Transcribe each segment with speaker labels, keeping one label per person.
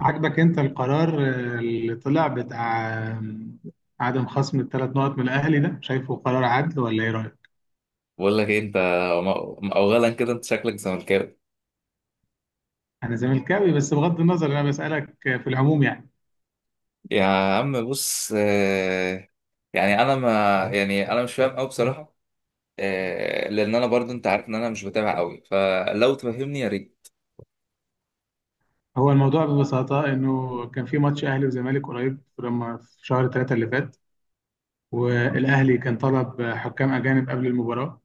Speaker 1: عجبك انت القرار اللي طلع بتاع عدم خصم الثلاث نقط من الاهلي، ده شايفه قرار عدل ولا ايه رايك؟
Speaker 2: بقول لك ايه انت؟ اولا كده انت شكلك زملكاوي.
Speaker 1: انا زملكاوي، بس بغض النظر انا بسالك في العموم يعني.
Speaker 2: يا عم بص، يعني انا ما يعني انا مش فاهم قوي بصراحه. لان انا برضو، انت عارف ان انا مش بتابع قوي، فلو تفهمني يا ريت.
Speaker 1: هو الموضوع ببساطه انه كان في ماتش اهلي وزمالك قريب، لما في شهر ثلاثة اللي فات والاهلي كان طلب حكام اجانب قبل المباراه،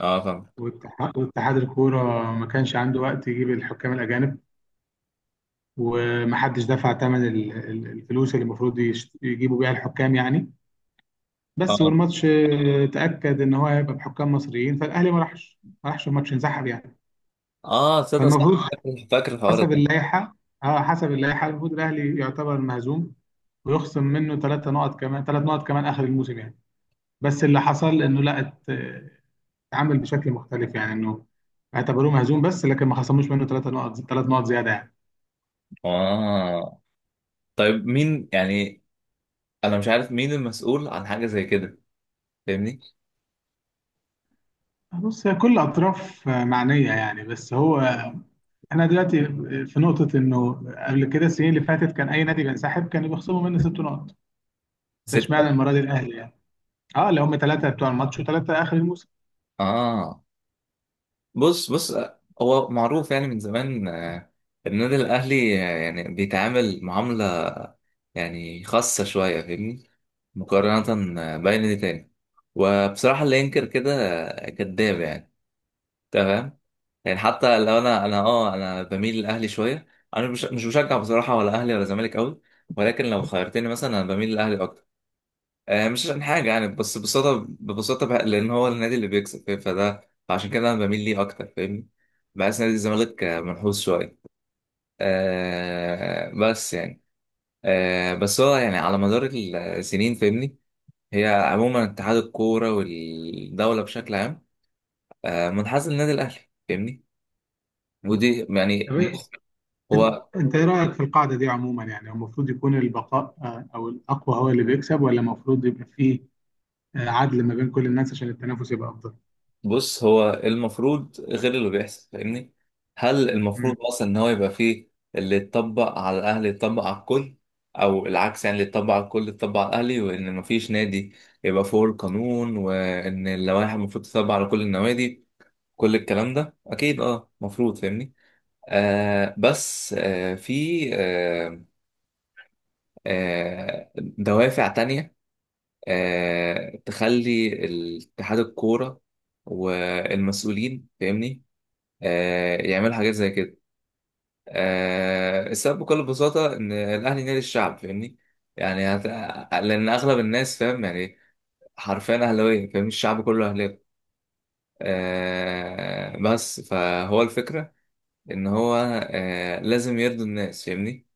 Speaker 2: اه، فاهم.
Speaker 1: واتحاد الكوره ما كانش عنده وقت يجيب الحكام الاجانب، ومحدش دفع ثمن الفلوس اللي المفروض يجيبوا بيها الحكام يعني.
Speaker 2: اه.
Speaker 1: بس والماتش تأكد ان هو هيبقى بحكام مصريين، فالاهلي ما راحش الماتش، انسحب يعني.
Speaker 2: اه، تصدق صح.
Speaker 1: فالمفروض
Speaker 2: فاكر الحوار
Speaker 1: حسب
Speaker 2: ده.
Speaker 1: اللائحة اه حسب اللائحة المفروض الاهلي يعتبر مهزوم، ويخصم منه 3 نقط كمان اخر الموسم يعني. بس اللي حصل انه لا اتعامل بشكل مختلف، يعني انه اعتبروه مهزوم بس لكن ما خصموش منه 3 نقط زيادة يعني.
Speaker 2: اه طيب، مين يعني؟ انا مش عارف مين المسؤول عن حاجه زي كده، فاهمني؟
Speaker 1: بص هي كل اطراف معنية يعني، بس هو احنا دلوقتي في نقطة انه قبل كده السنين اللي فاتت كان اي نادي بينسحب كانوا بيخصموا منه 6 نقط، ده
Speaker 2: سته.
Speaker 1: اشمعنى المره دي الاهلي يعني، اه اللي هم ثلاثه بتوع الماتش وثلاثه اخر الموسم.
Speaker 2: اه. بص بص، هو معروف يعني من زمان، النادي الأهلي يعني بيتعامل معاملة يعني خاصة شوية، فاهمني، مقارنة بأي نادي تاني. وبصراحة اللي ينكر كده كذاب يعني. تمام. يعني حتى لو أنا بميل للأهلي شوية. أنا مش بشجع بصراحة، ولا أهلي ولا زمالك أوي. ولكن لو خيرتني مثلا، أنا بميل للأهلي أكتر. مش عشان حاجة يعني، بس ببساطة بقى، لأن هو النادي اللي بيكسب فاهم، فده فعشان كده أنا بميل ليه أكتر، فاهمني؟ بحس نادي الزمالك منحوس شوية. بس يعني، بس هو يعني على مدار السنين، فاهمني. هي عموما اتحاد الكورة والدولة بشكل عام منحاز للنادي الأهلي، فاهمني. ودي يعني
Speaker 1: طب إيه-
Speaker 2: بص،
Speaker 1: انت
Speaker 2: هو
Speaker 1: انت ايه رايك في القاعده دي عموما؟ يعني هو المفروض يكون البقاء آه، او الاقوى هو اللي بيكسب، ولا المفروض يبقى فيه عدل ما بين كل الناس عشان التنافس يبقى افضل؟
Speaker 2: بص، هو المفروض غير اللي بيحصل، فاهمني. هل
Speaker 1: مم.
Speaker 2: المفروض اصلا ان هو يبقى فيه اللي يتطبق على الاهلي يتطبق على الكل، او العكس. يعني اللي يتطبق على الكل يتطبق على الاهلي، وان مفيش نادي يبقى فوق القانون، وان اللوائح المفروض تتطبق على كل النوادي. كل الكلام ده اكيد اه مفروض، فاهمني. بس في دوافع تانية تخلي اتحاد الكورة والمسؤولين، فاهمني، يعملوا حاجات زي كده. السبب بكل بساطة إن الأهلي نادي الشعب، فاهمني. يعني هت... لأن أغلب الناس فاهم يعني حرفيا أهلاوية، فاهم الشعب كله أهلاوي. بس فهو الفكرة إن هو لازم يرضي الناس، فاهمني،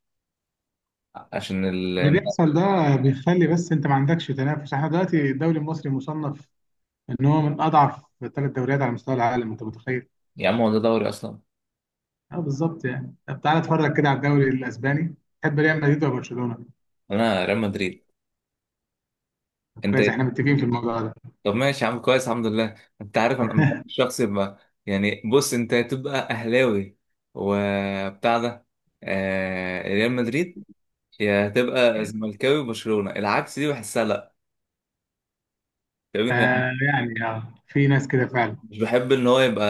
Speaker 2: عشان ال...
Speaker 1: اللي بيحصل ده بيخلي، بس انت ما عندكش تنافس، احنا دلوقتي الدوري المصري مصنف ان هو من اضعف 3 دوريات على مستوى العالم، انت متخيل؟
Speaker 2: يا عم، هو ده دوري أصلا؟
Speaker 1: اه بالظبط يعني. طب تعالى اتفرج كده على الدوري الاسباني، تحب ريال مدريد ولا برشلونه؟
Speaker 2: أنا ريال مدريد.
Speaker 1: طب
Speaker 2: أنت
Speaker 1: كويس، احنا متفقين في الموضوع ده.
Speaker 2: طب ماشي يا عم كويس، الحمد لله. انت عارف، انا بحب الشخص يبقى يعني بص، انت تبقى اهلاوي وبتاع ده ريال مدريد، يا تبقى زملكاوي وبرشلونة. العكس دي بحسها لا، فاهمني؟ يعني،
Speaker 1: في ناس كده فعلا.
Speaker 2: مش بحب ان هو يبقى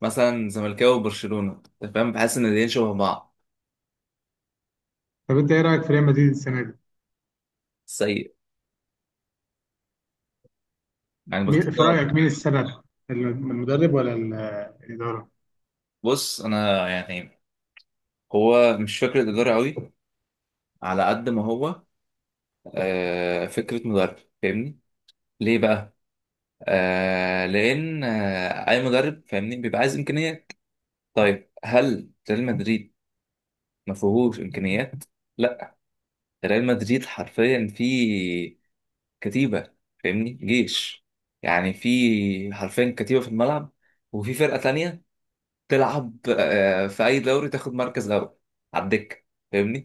Speaker 2: مثلا زملكاوي وبرشلونة، انت فاهم، بحس ان الاتنين شبه بعض.
Speaker 1: طب انت ايه رايك في ريال مدريد السنه دي؟
Speaker 2: سيء يعني،
Speaker 1: مين في
Speaker 2: باختصار.
Speaker 1: رايك مين السبب؟ المدرب ولا الاداره؟
Speaker 2: بص انا يعني هو مش فكرة ادارة قوي على قد ما هو فكرة مدرب، فاهمني. ليه بقى؟ لان اي مدرب، فاهمني، بيبقى عايز امكانيات. طيب هل ريال مدريد ما فيهوش امكانيات؟ لا. ريال مدريد حرفيا فيه كتيبه، فاهمني، جيش يعني. في حرفيا كتيبه في الملعب، وفي فرقه تانية تلعب في اي دوري تاخد مركز غلبة على الدكه، فاهمني.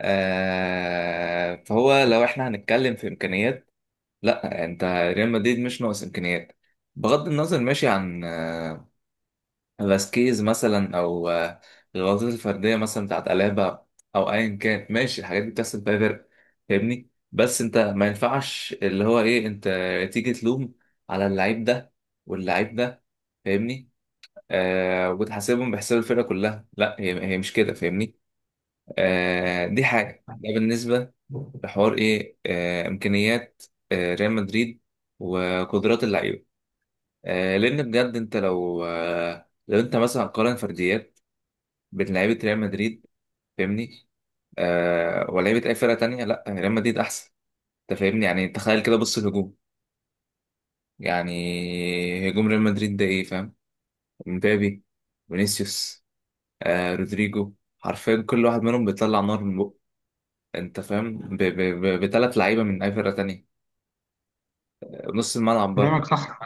Speaker 2: فهو لو احنا هنتكلم في امكانيات، لا انت ريال مدريد مش ناقص امكانيات. بغض النظر ماشي، عن فاسكيز مثلا او الغلطات الفرديه مثلا بتاعت الابا، او ايا كان ماشي، الحاجات دي بتحصل فيها فرق، فاهمني. بس انت ما ينفعش اللي هو ايه انت تيجي تلوم على اللعيب ده واللعيب ده، فاهمني. وتحاسبهم بحساب الفرقه كلها، لا هي مش كده، فاهمني. دي حاجه. ده بالنسبه لحوار ايه، امكانيات ريال مدريد وقدرات اللعيبه. لان بجد انت لو انت مثلا قارن فرديات بين لعيبه ريال مدريد، فاهمني، ولعيبه اي فرقه تانية، لا ريال مدريد احسن. انت فاهمني؟ يعني تخيل كده، بص الهجوم، يعني هجوم ريال مدريد ده ايه فاهم، مبابي، فينيسيوس، رودريجو، حرفيا كل واحد منهم بيطلع نار من بقه. انت فاهم بتلات لعيبه من اي فرقه تانية، نص الملعب برضه.
Speaker 1: كلامك صح.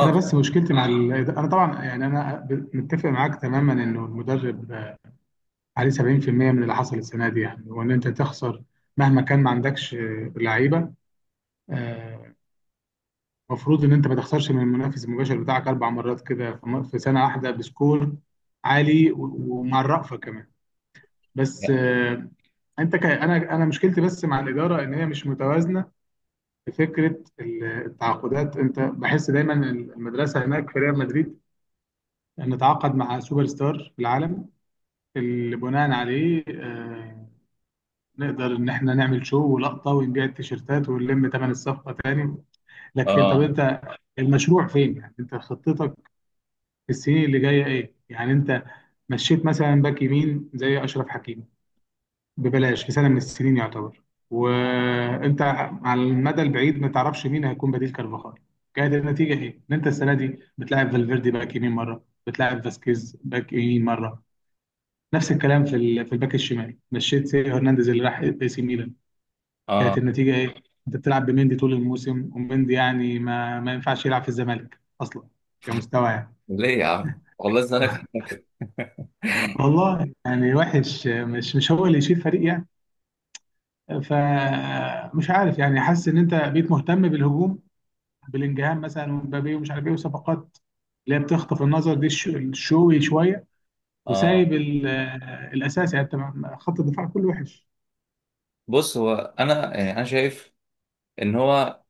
Speaker 1: انا بس مشكلتي مع انا طبعا يعني، متفق معاك تماما انه المدرب عليه 70% من اللي حصل السنه دي، يعني وان انت تخسر مهما كان ما عندكش لعيبه، آه، المفروض ان انت ما تخسرش من المنافس المباشر بتاعك 4 مرات كده في سنه واحده بسكور عالي و- ومع الرأفه كمان. بس
Speaker 2: لا.
Speaker 1: انا مشكلتي بس مع الاداره ان هي مش متوازنه في فكره التعاقدات. انت بحس دايما المدرسه هناك في ريال مدريد نتعاقد مع سوبر ستار في العالم، اللي بناء عليه نقدر ان احنا نعمل شو ولقطه ونبيع التيشيرتات ونلم ثمن الصفقه تاني. لكن طب
Speaker 2: اه.
Speaker 1: انت المشروع فين؟ يعني انت خطتك السنين اللي جايه ايه؟ يعني انت مشيت مثلا باك يمين زي اشرف حكيمي ببلاش في سنه من السنين يعتبر، وانت على المدى البعيد ما تعرفش مين هيكون بديل كارفاخال. كانت النتيجه ايه؟ ان انت السنه دي بتلاعب فالفيردي باك يمين مره، بتلاعب فاسكيز باك يمين مره. نفس الكلام في الباك الشمال، مشيت سيو هرنانديز اللي راح اي سي ميلان. كانت
Speaker 2: اه،
Speaker 1: النتيجه ايه؟ انت بتلعب بمندي طول الموسم، ومندي يعني ما ينفعش يلعب في الزمالك اصلا كمستوى يعني.
Speaker 2: ليه يا عم والله زمانك؟
Speaker 1: والله يعني وحش، مش هو اللي يشيل فريق يعني. فمش عارف يعني، حاسس ان انت بقيت مهتم بالهجوم، بلينجهام مثلا ومبابي ومش عارف ايه وصفقات اللي هي بتخطف النظر دي الشوي شويه،
Speaker 2: اه.
Speaker 1: وسايب الاساسي يعني، انت خط الدفاع كله وحش.
Speaker 2: بص، هو انا شايف ان هو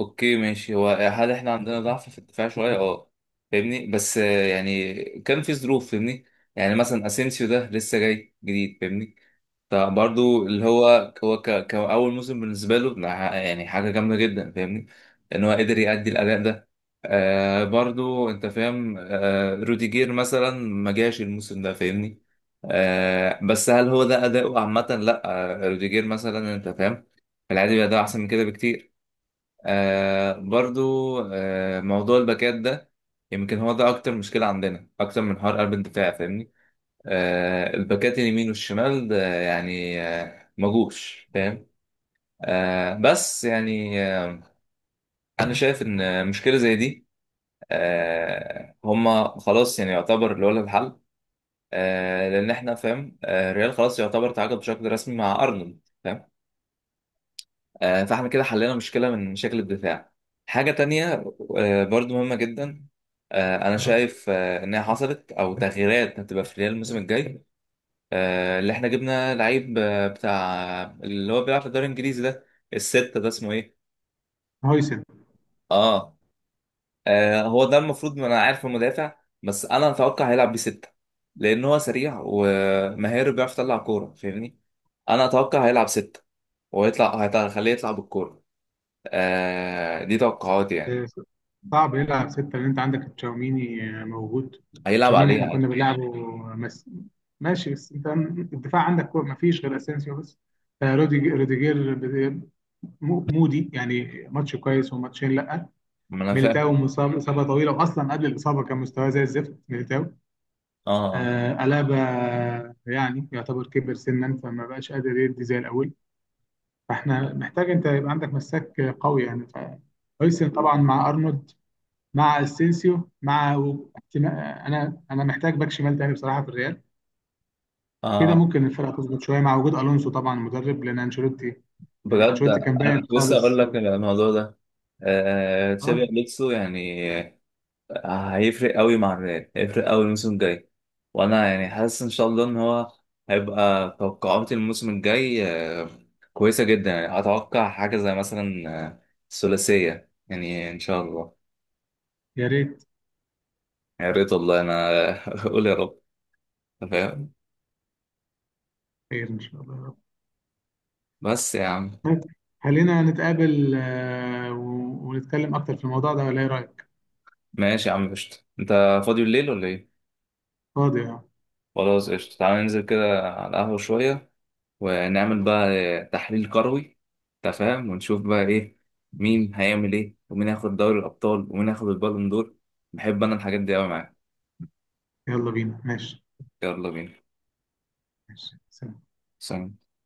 Speaker 2: اوكي ماشي. هو هل احنا عندنا ضعف في الدفاع شويه؟ اه، فاهمني. بس يعني كان في ظروف، فاهمني. يعني مثلا اسينسيو ده لسه جاي جديد، فاهمني. فبرضو اللي هو كأول موسم بالنسبه له، لا، يعني حاجه جامده جدا، فاهمني، ان هو قدر يأدي الاداء ده. برضو انت فاهم، روديجير مثلا ما جاش الموسم ده، فاهمني. بس هل هو ده اداؤه عامه؟ لا. روديجير مثلا انت فاهم، في العادي بيأداء احسن من كده بكتير. برضو موضوع الباكات ده، يمكن هو ده أكتر مشكلة عندنا، أكتر من حوار قلب الدفاع، فاهمني. الباكات اليمين والشمال ده يعني مجوش فاهم. بس يعني أنا شايف إن مشكلة زي دي، هما خلاص يعني يعتبر اللي هو لها الحل. لأن إحنا فاهم الريال خلاص يعتبر تعاقد بشكل رسمي مع أرنولد، فاهم؟ فاحنا كده حلينا مشكلة من مشاكل الدفاع. حاجة تانية برضو مهمة جدا. أنا شايف إنها حصلت أو تغييرات هتبقى في ريال الموسم الجاي. اللي إحنا جبنا لعيب بتاع اللي هو بيلعب في الدوري الإنجليزي ده، الستة ده اسمه إيه؟
Speaker 1: هويسن.
Speaker 2: آه. هو ده المفروض، ما أنا عارف المدافع. بس أنا أتوقع هيلعب بستة، لأن هو سريع ومهاري، بيعرف يطلع كورة، فاهمني؟ أنا أتوقع هيلعب ستة هيخليه يطلع بالكورة. دي توقعاتي يعني.
Speaker 1: آه، صعب يلعب سته لان انت عندك تشاوميني موجود،
Speaker 2: هيلعب
Speaker 1: تشاوميني
Speaker 2: عليها
Speaker 1: احنا كنا
Speaker 2: عادي.
Speaker 1: بنلعبه مس... ماشي. بس انت الدفاع عندك ما فيش غير اسينسيو بس، روديجير مودي يعني ماتش كويس وماتشين لا.
Speaker 2: ما انا فاهم.
Speaker 1: ميليتاو مصاب اصابه طويله، واصلا قبل الاصابه كان مستواه زي الزفت ميليتاو.
Speaker 2: اه.
Speaker 1: ألابا يعني يعتبر كبر سنا، فما بقاش قادر يدي زي الأول. فاحنا محتاج أنت يبقى عندك مساك قوي يعني، فهويسن طبعا مع أرنولد مع أسينسيو مع أنا محتاج باك شمال تاني بصراحة في الريال. كده
Speaker 2: اه
Speaker 1: ممكن الفرقة تظبط شوية مع وجود ألونسو طبعا مدرب، لأن أنشيلوتي يعني
Speaker 2: بجد،
Speaker 1: أنشيلوتي كان
Speaker 2: انا
Speaker 1: باين
Speaker 2: كنت لسه اقول
Speaker 1: خالص.
Speaker 2: لك الموضوع ده. تشابي
Speaker 1: أه،
Speaker 2: الونسو يعني، هيفرق قوي مع الريال، هيفرق قوي الموسم الجاي. وانا يعني حاسس ان شاء الله ان هو هيبقى توقعاتي الموسم الجاي آه، كويسه جدا. يعني اتوقع حاجه زي مثلا الثلاثيه يعني ان شاء الله.
Speaker 1: يا ريت.
Speaker 2: يا ريت والله انا اقول يا رب، أنت فاهم.
Speaker 1: خير إن شاء الله يا رب.
Speaker 2: بس يا عم.
Speaker 1: طيب، خلينا نتقابل آه، و- ونتكلم أكتر في الموضوع ده ولا إيه رأيك؟
Speaker 2: ماشي يا عم قشطة. انت فاضي الليل ولا ايه؟
Speaker 1: فاضي أهو.
Speaker 2: خلاص قشطة، تعالى ننزل كده على القهوة شوية ونعمل بقى تحليل كروي، أنت فاهم، ونشوف بقى إيه، مين هيعمل إيه، ومين هياخد دوري الأبطال، ومين هياخد البالون دور. بحب أنا الحاجات دي أوي معاك.
Speaker 1: يلا بينا ماشي.
Speaker 2: يلا بينا.
Speaker 1: ماشي سلام.
Speaker 2: سلام.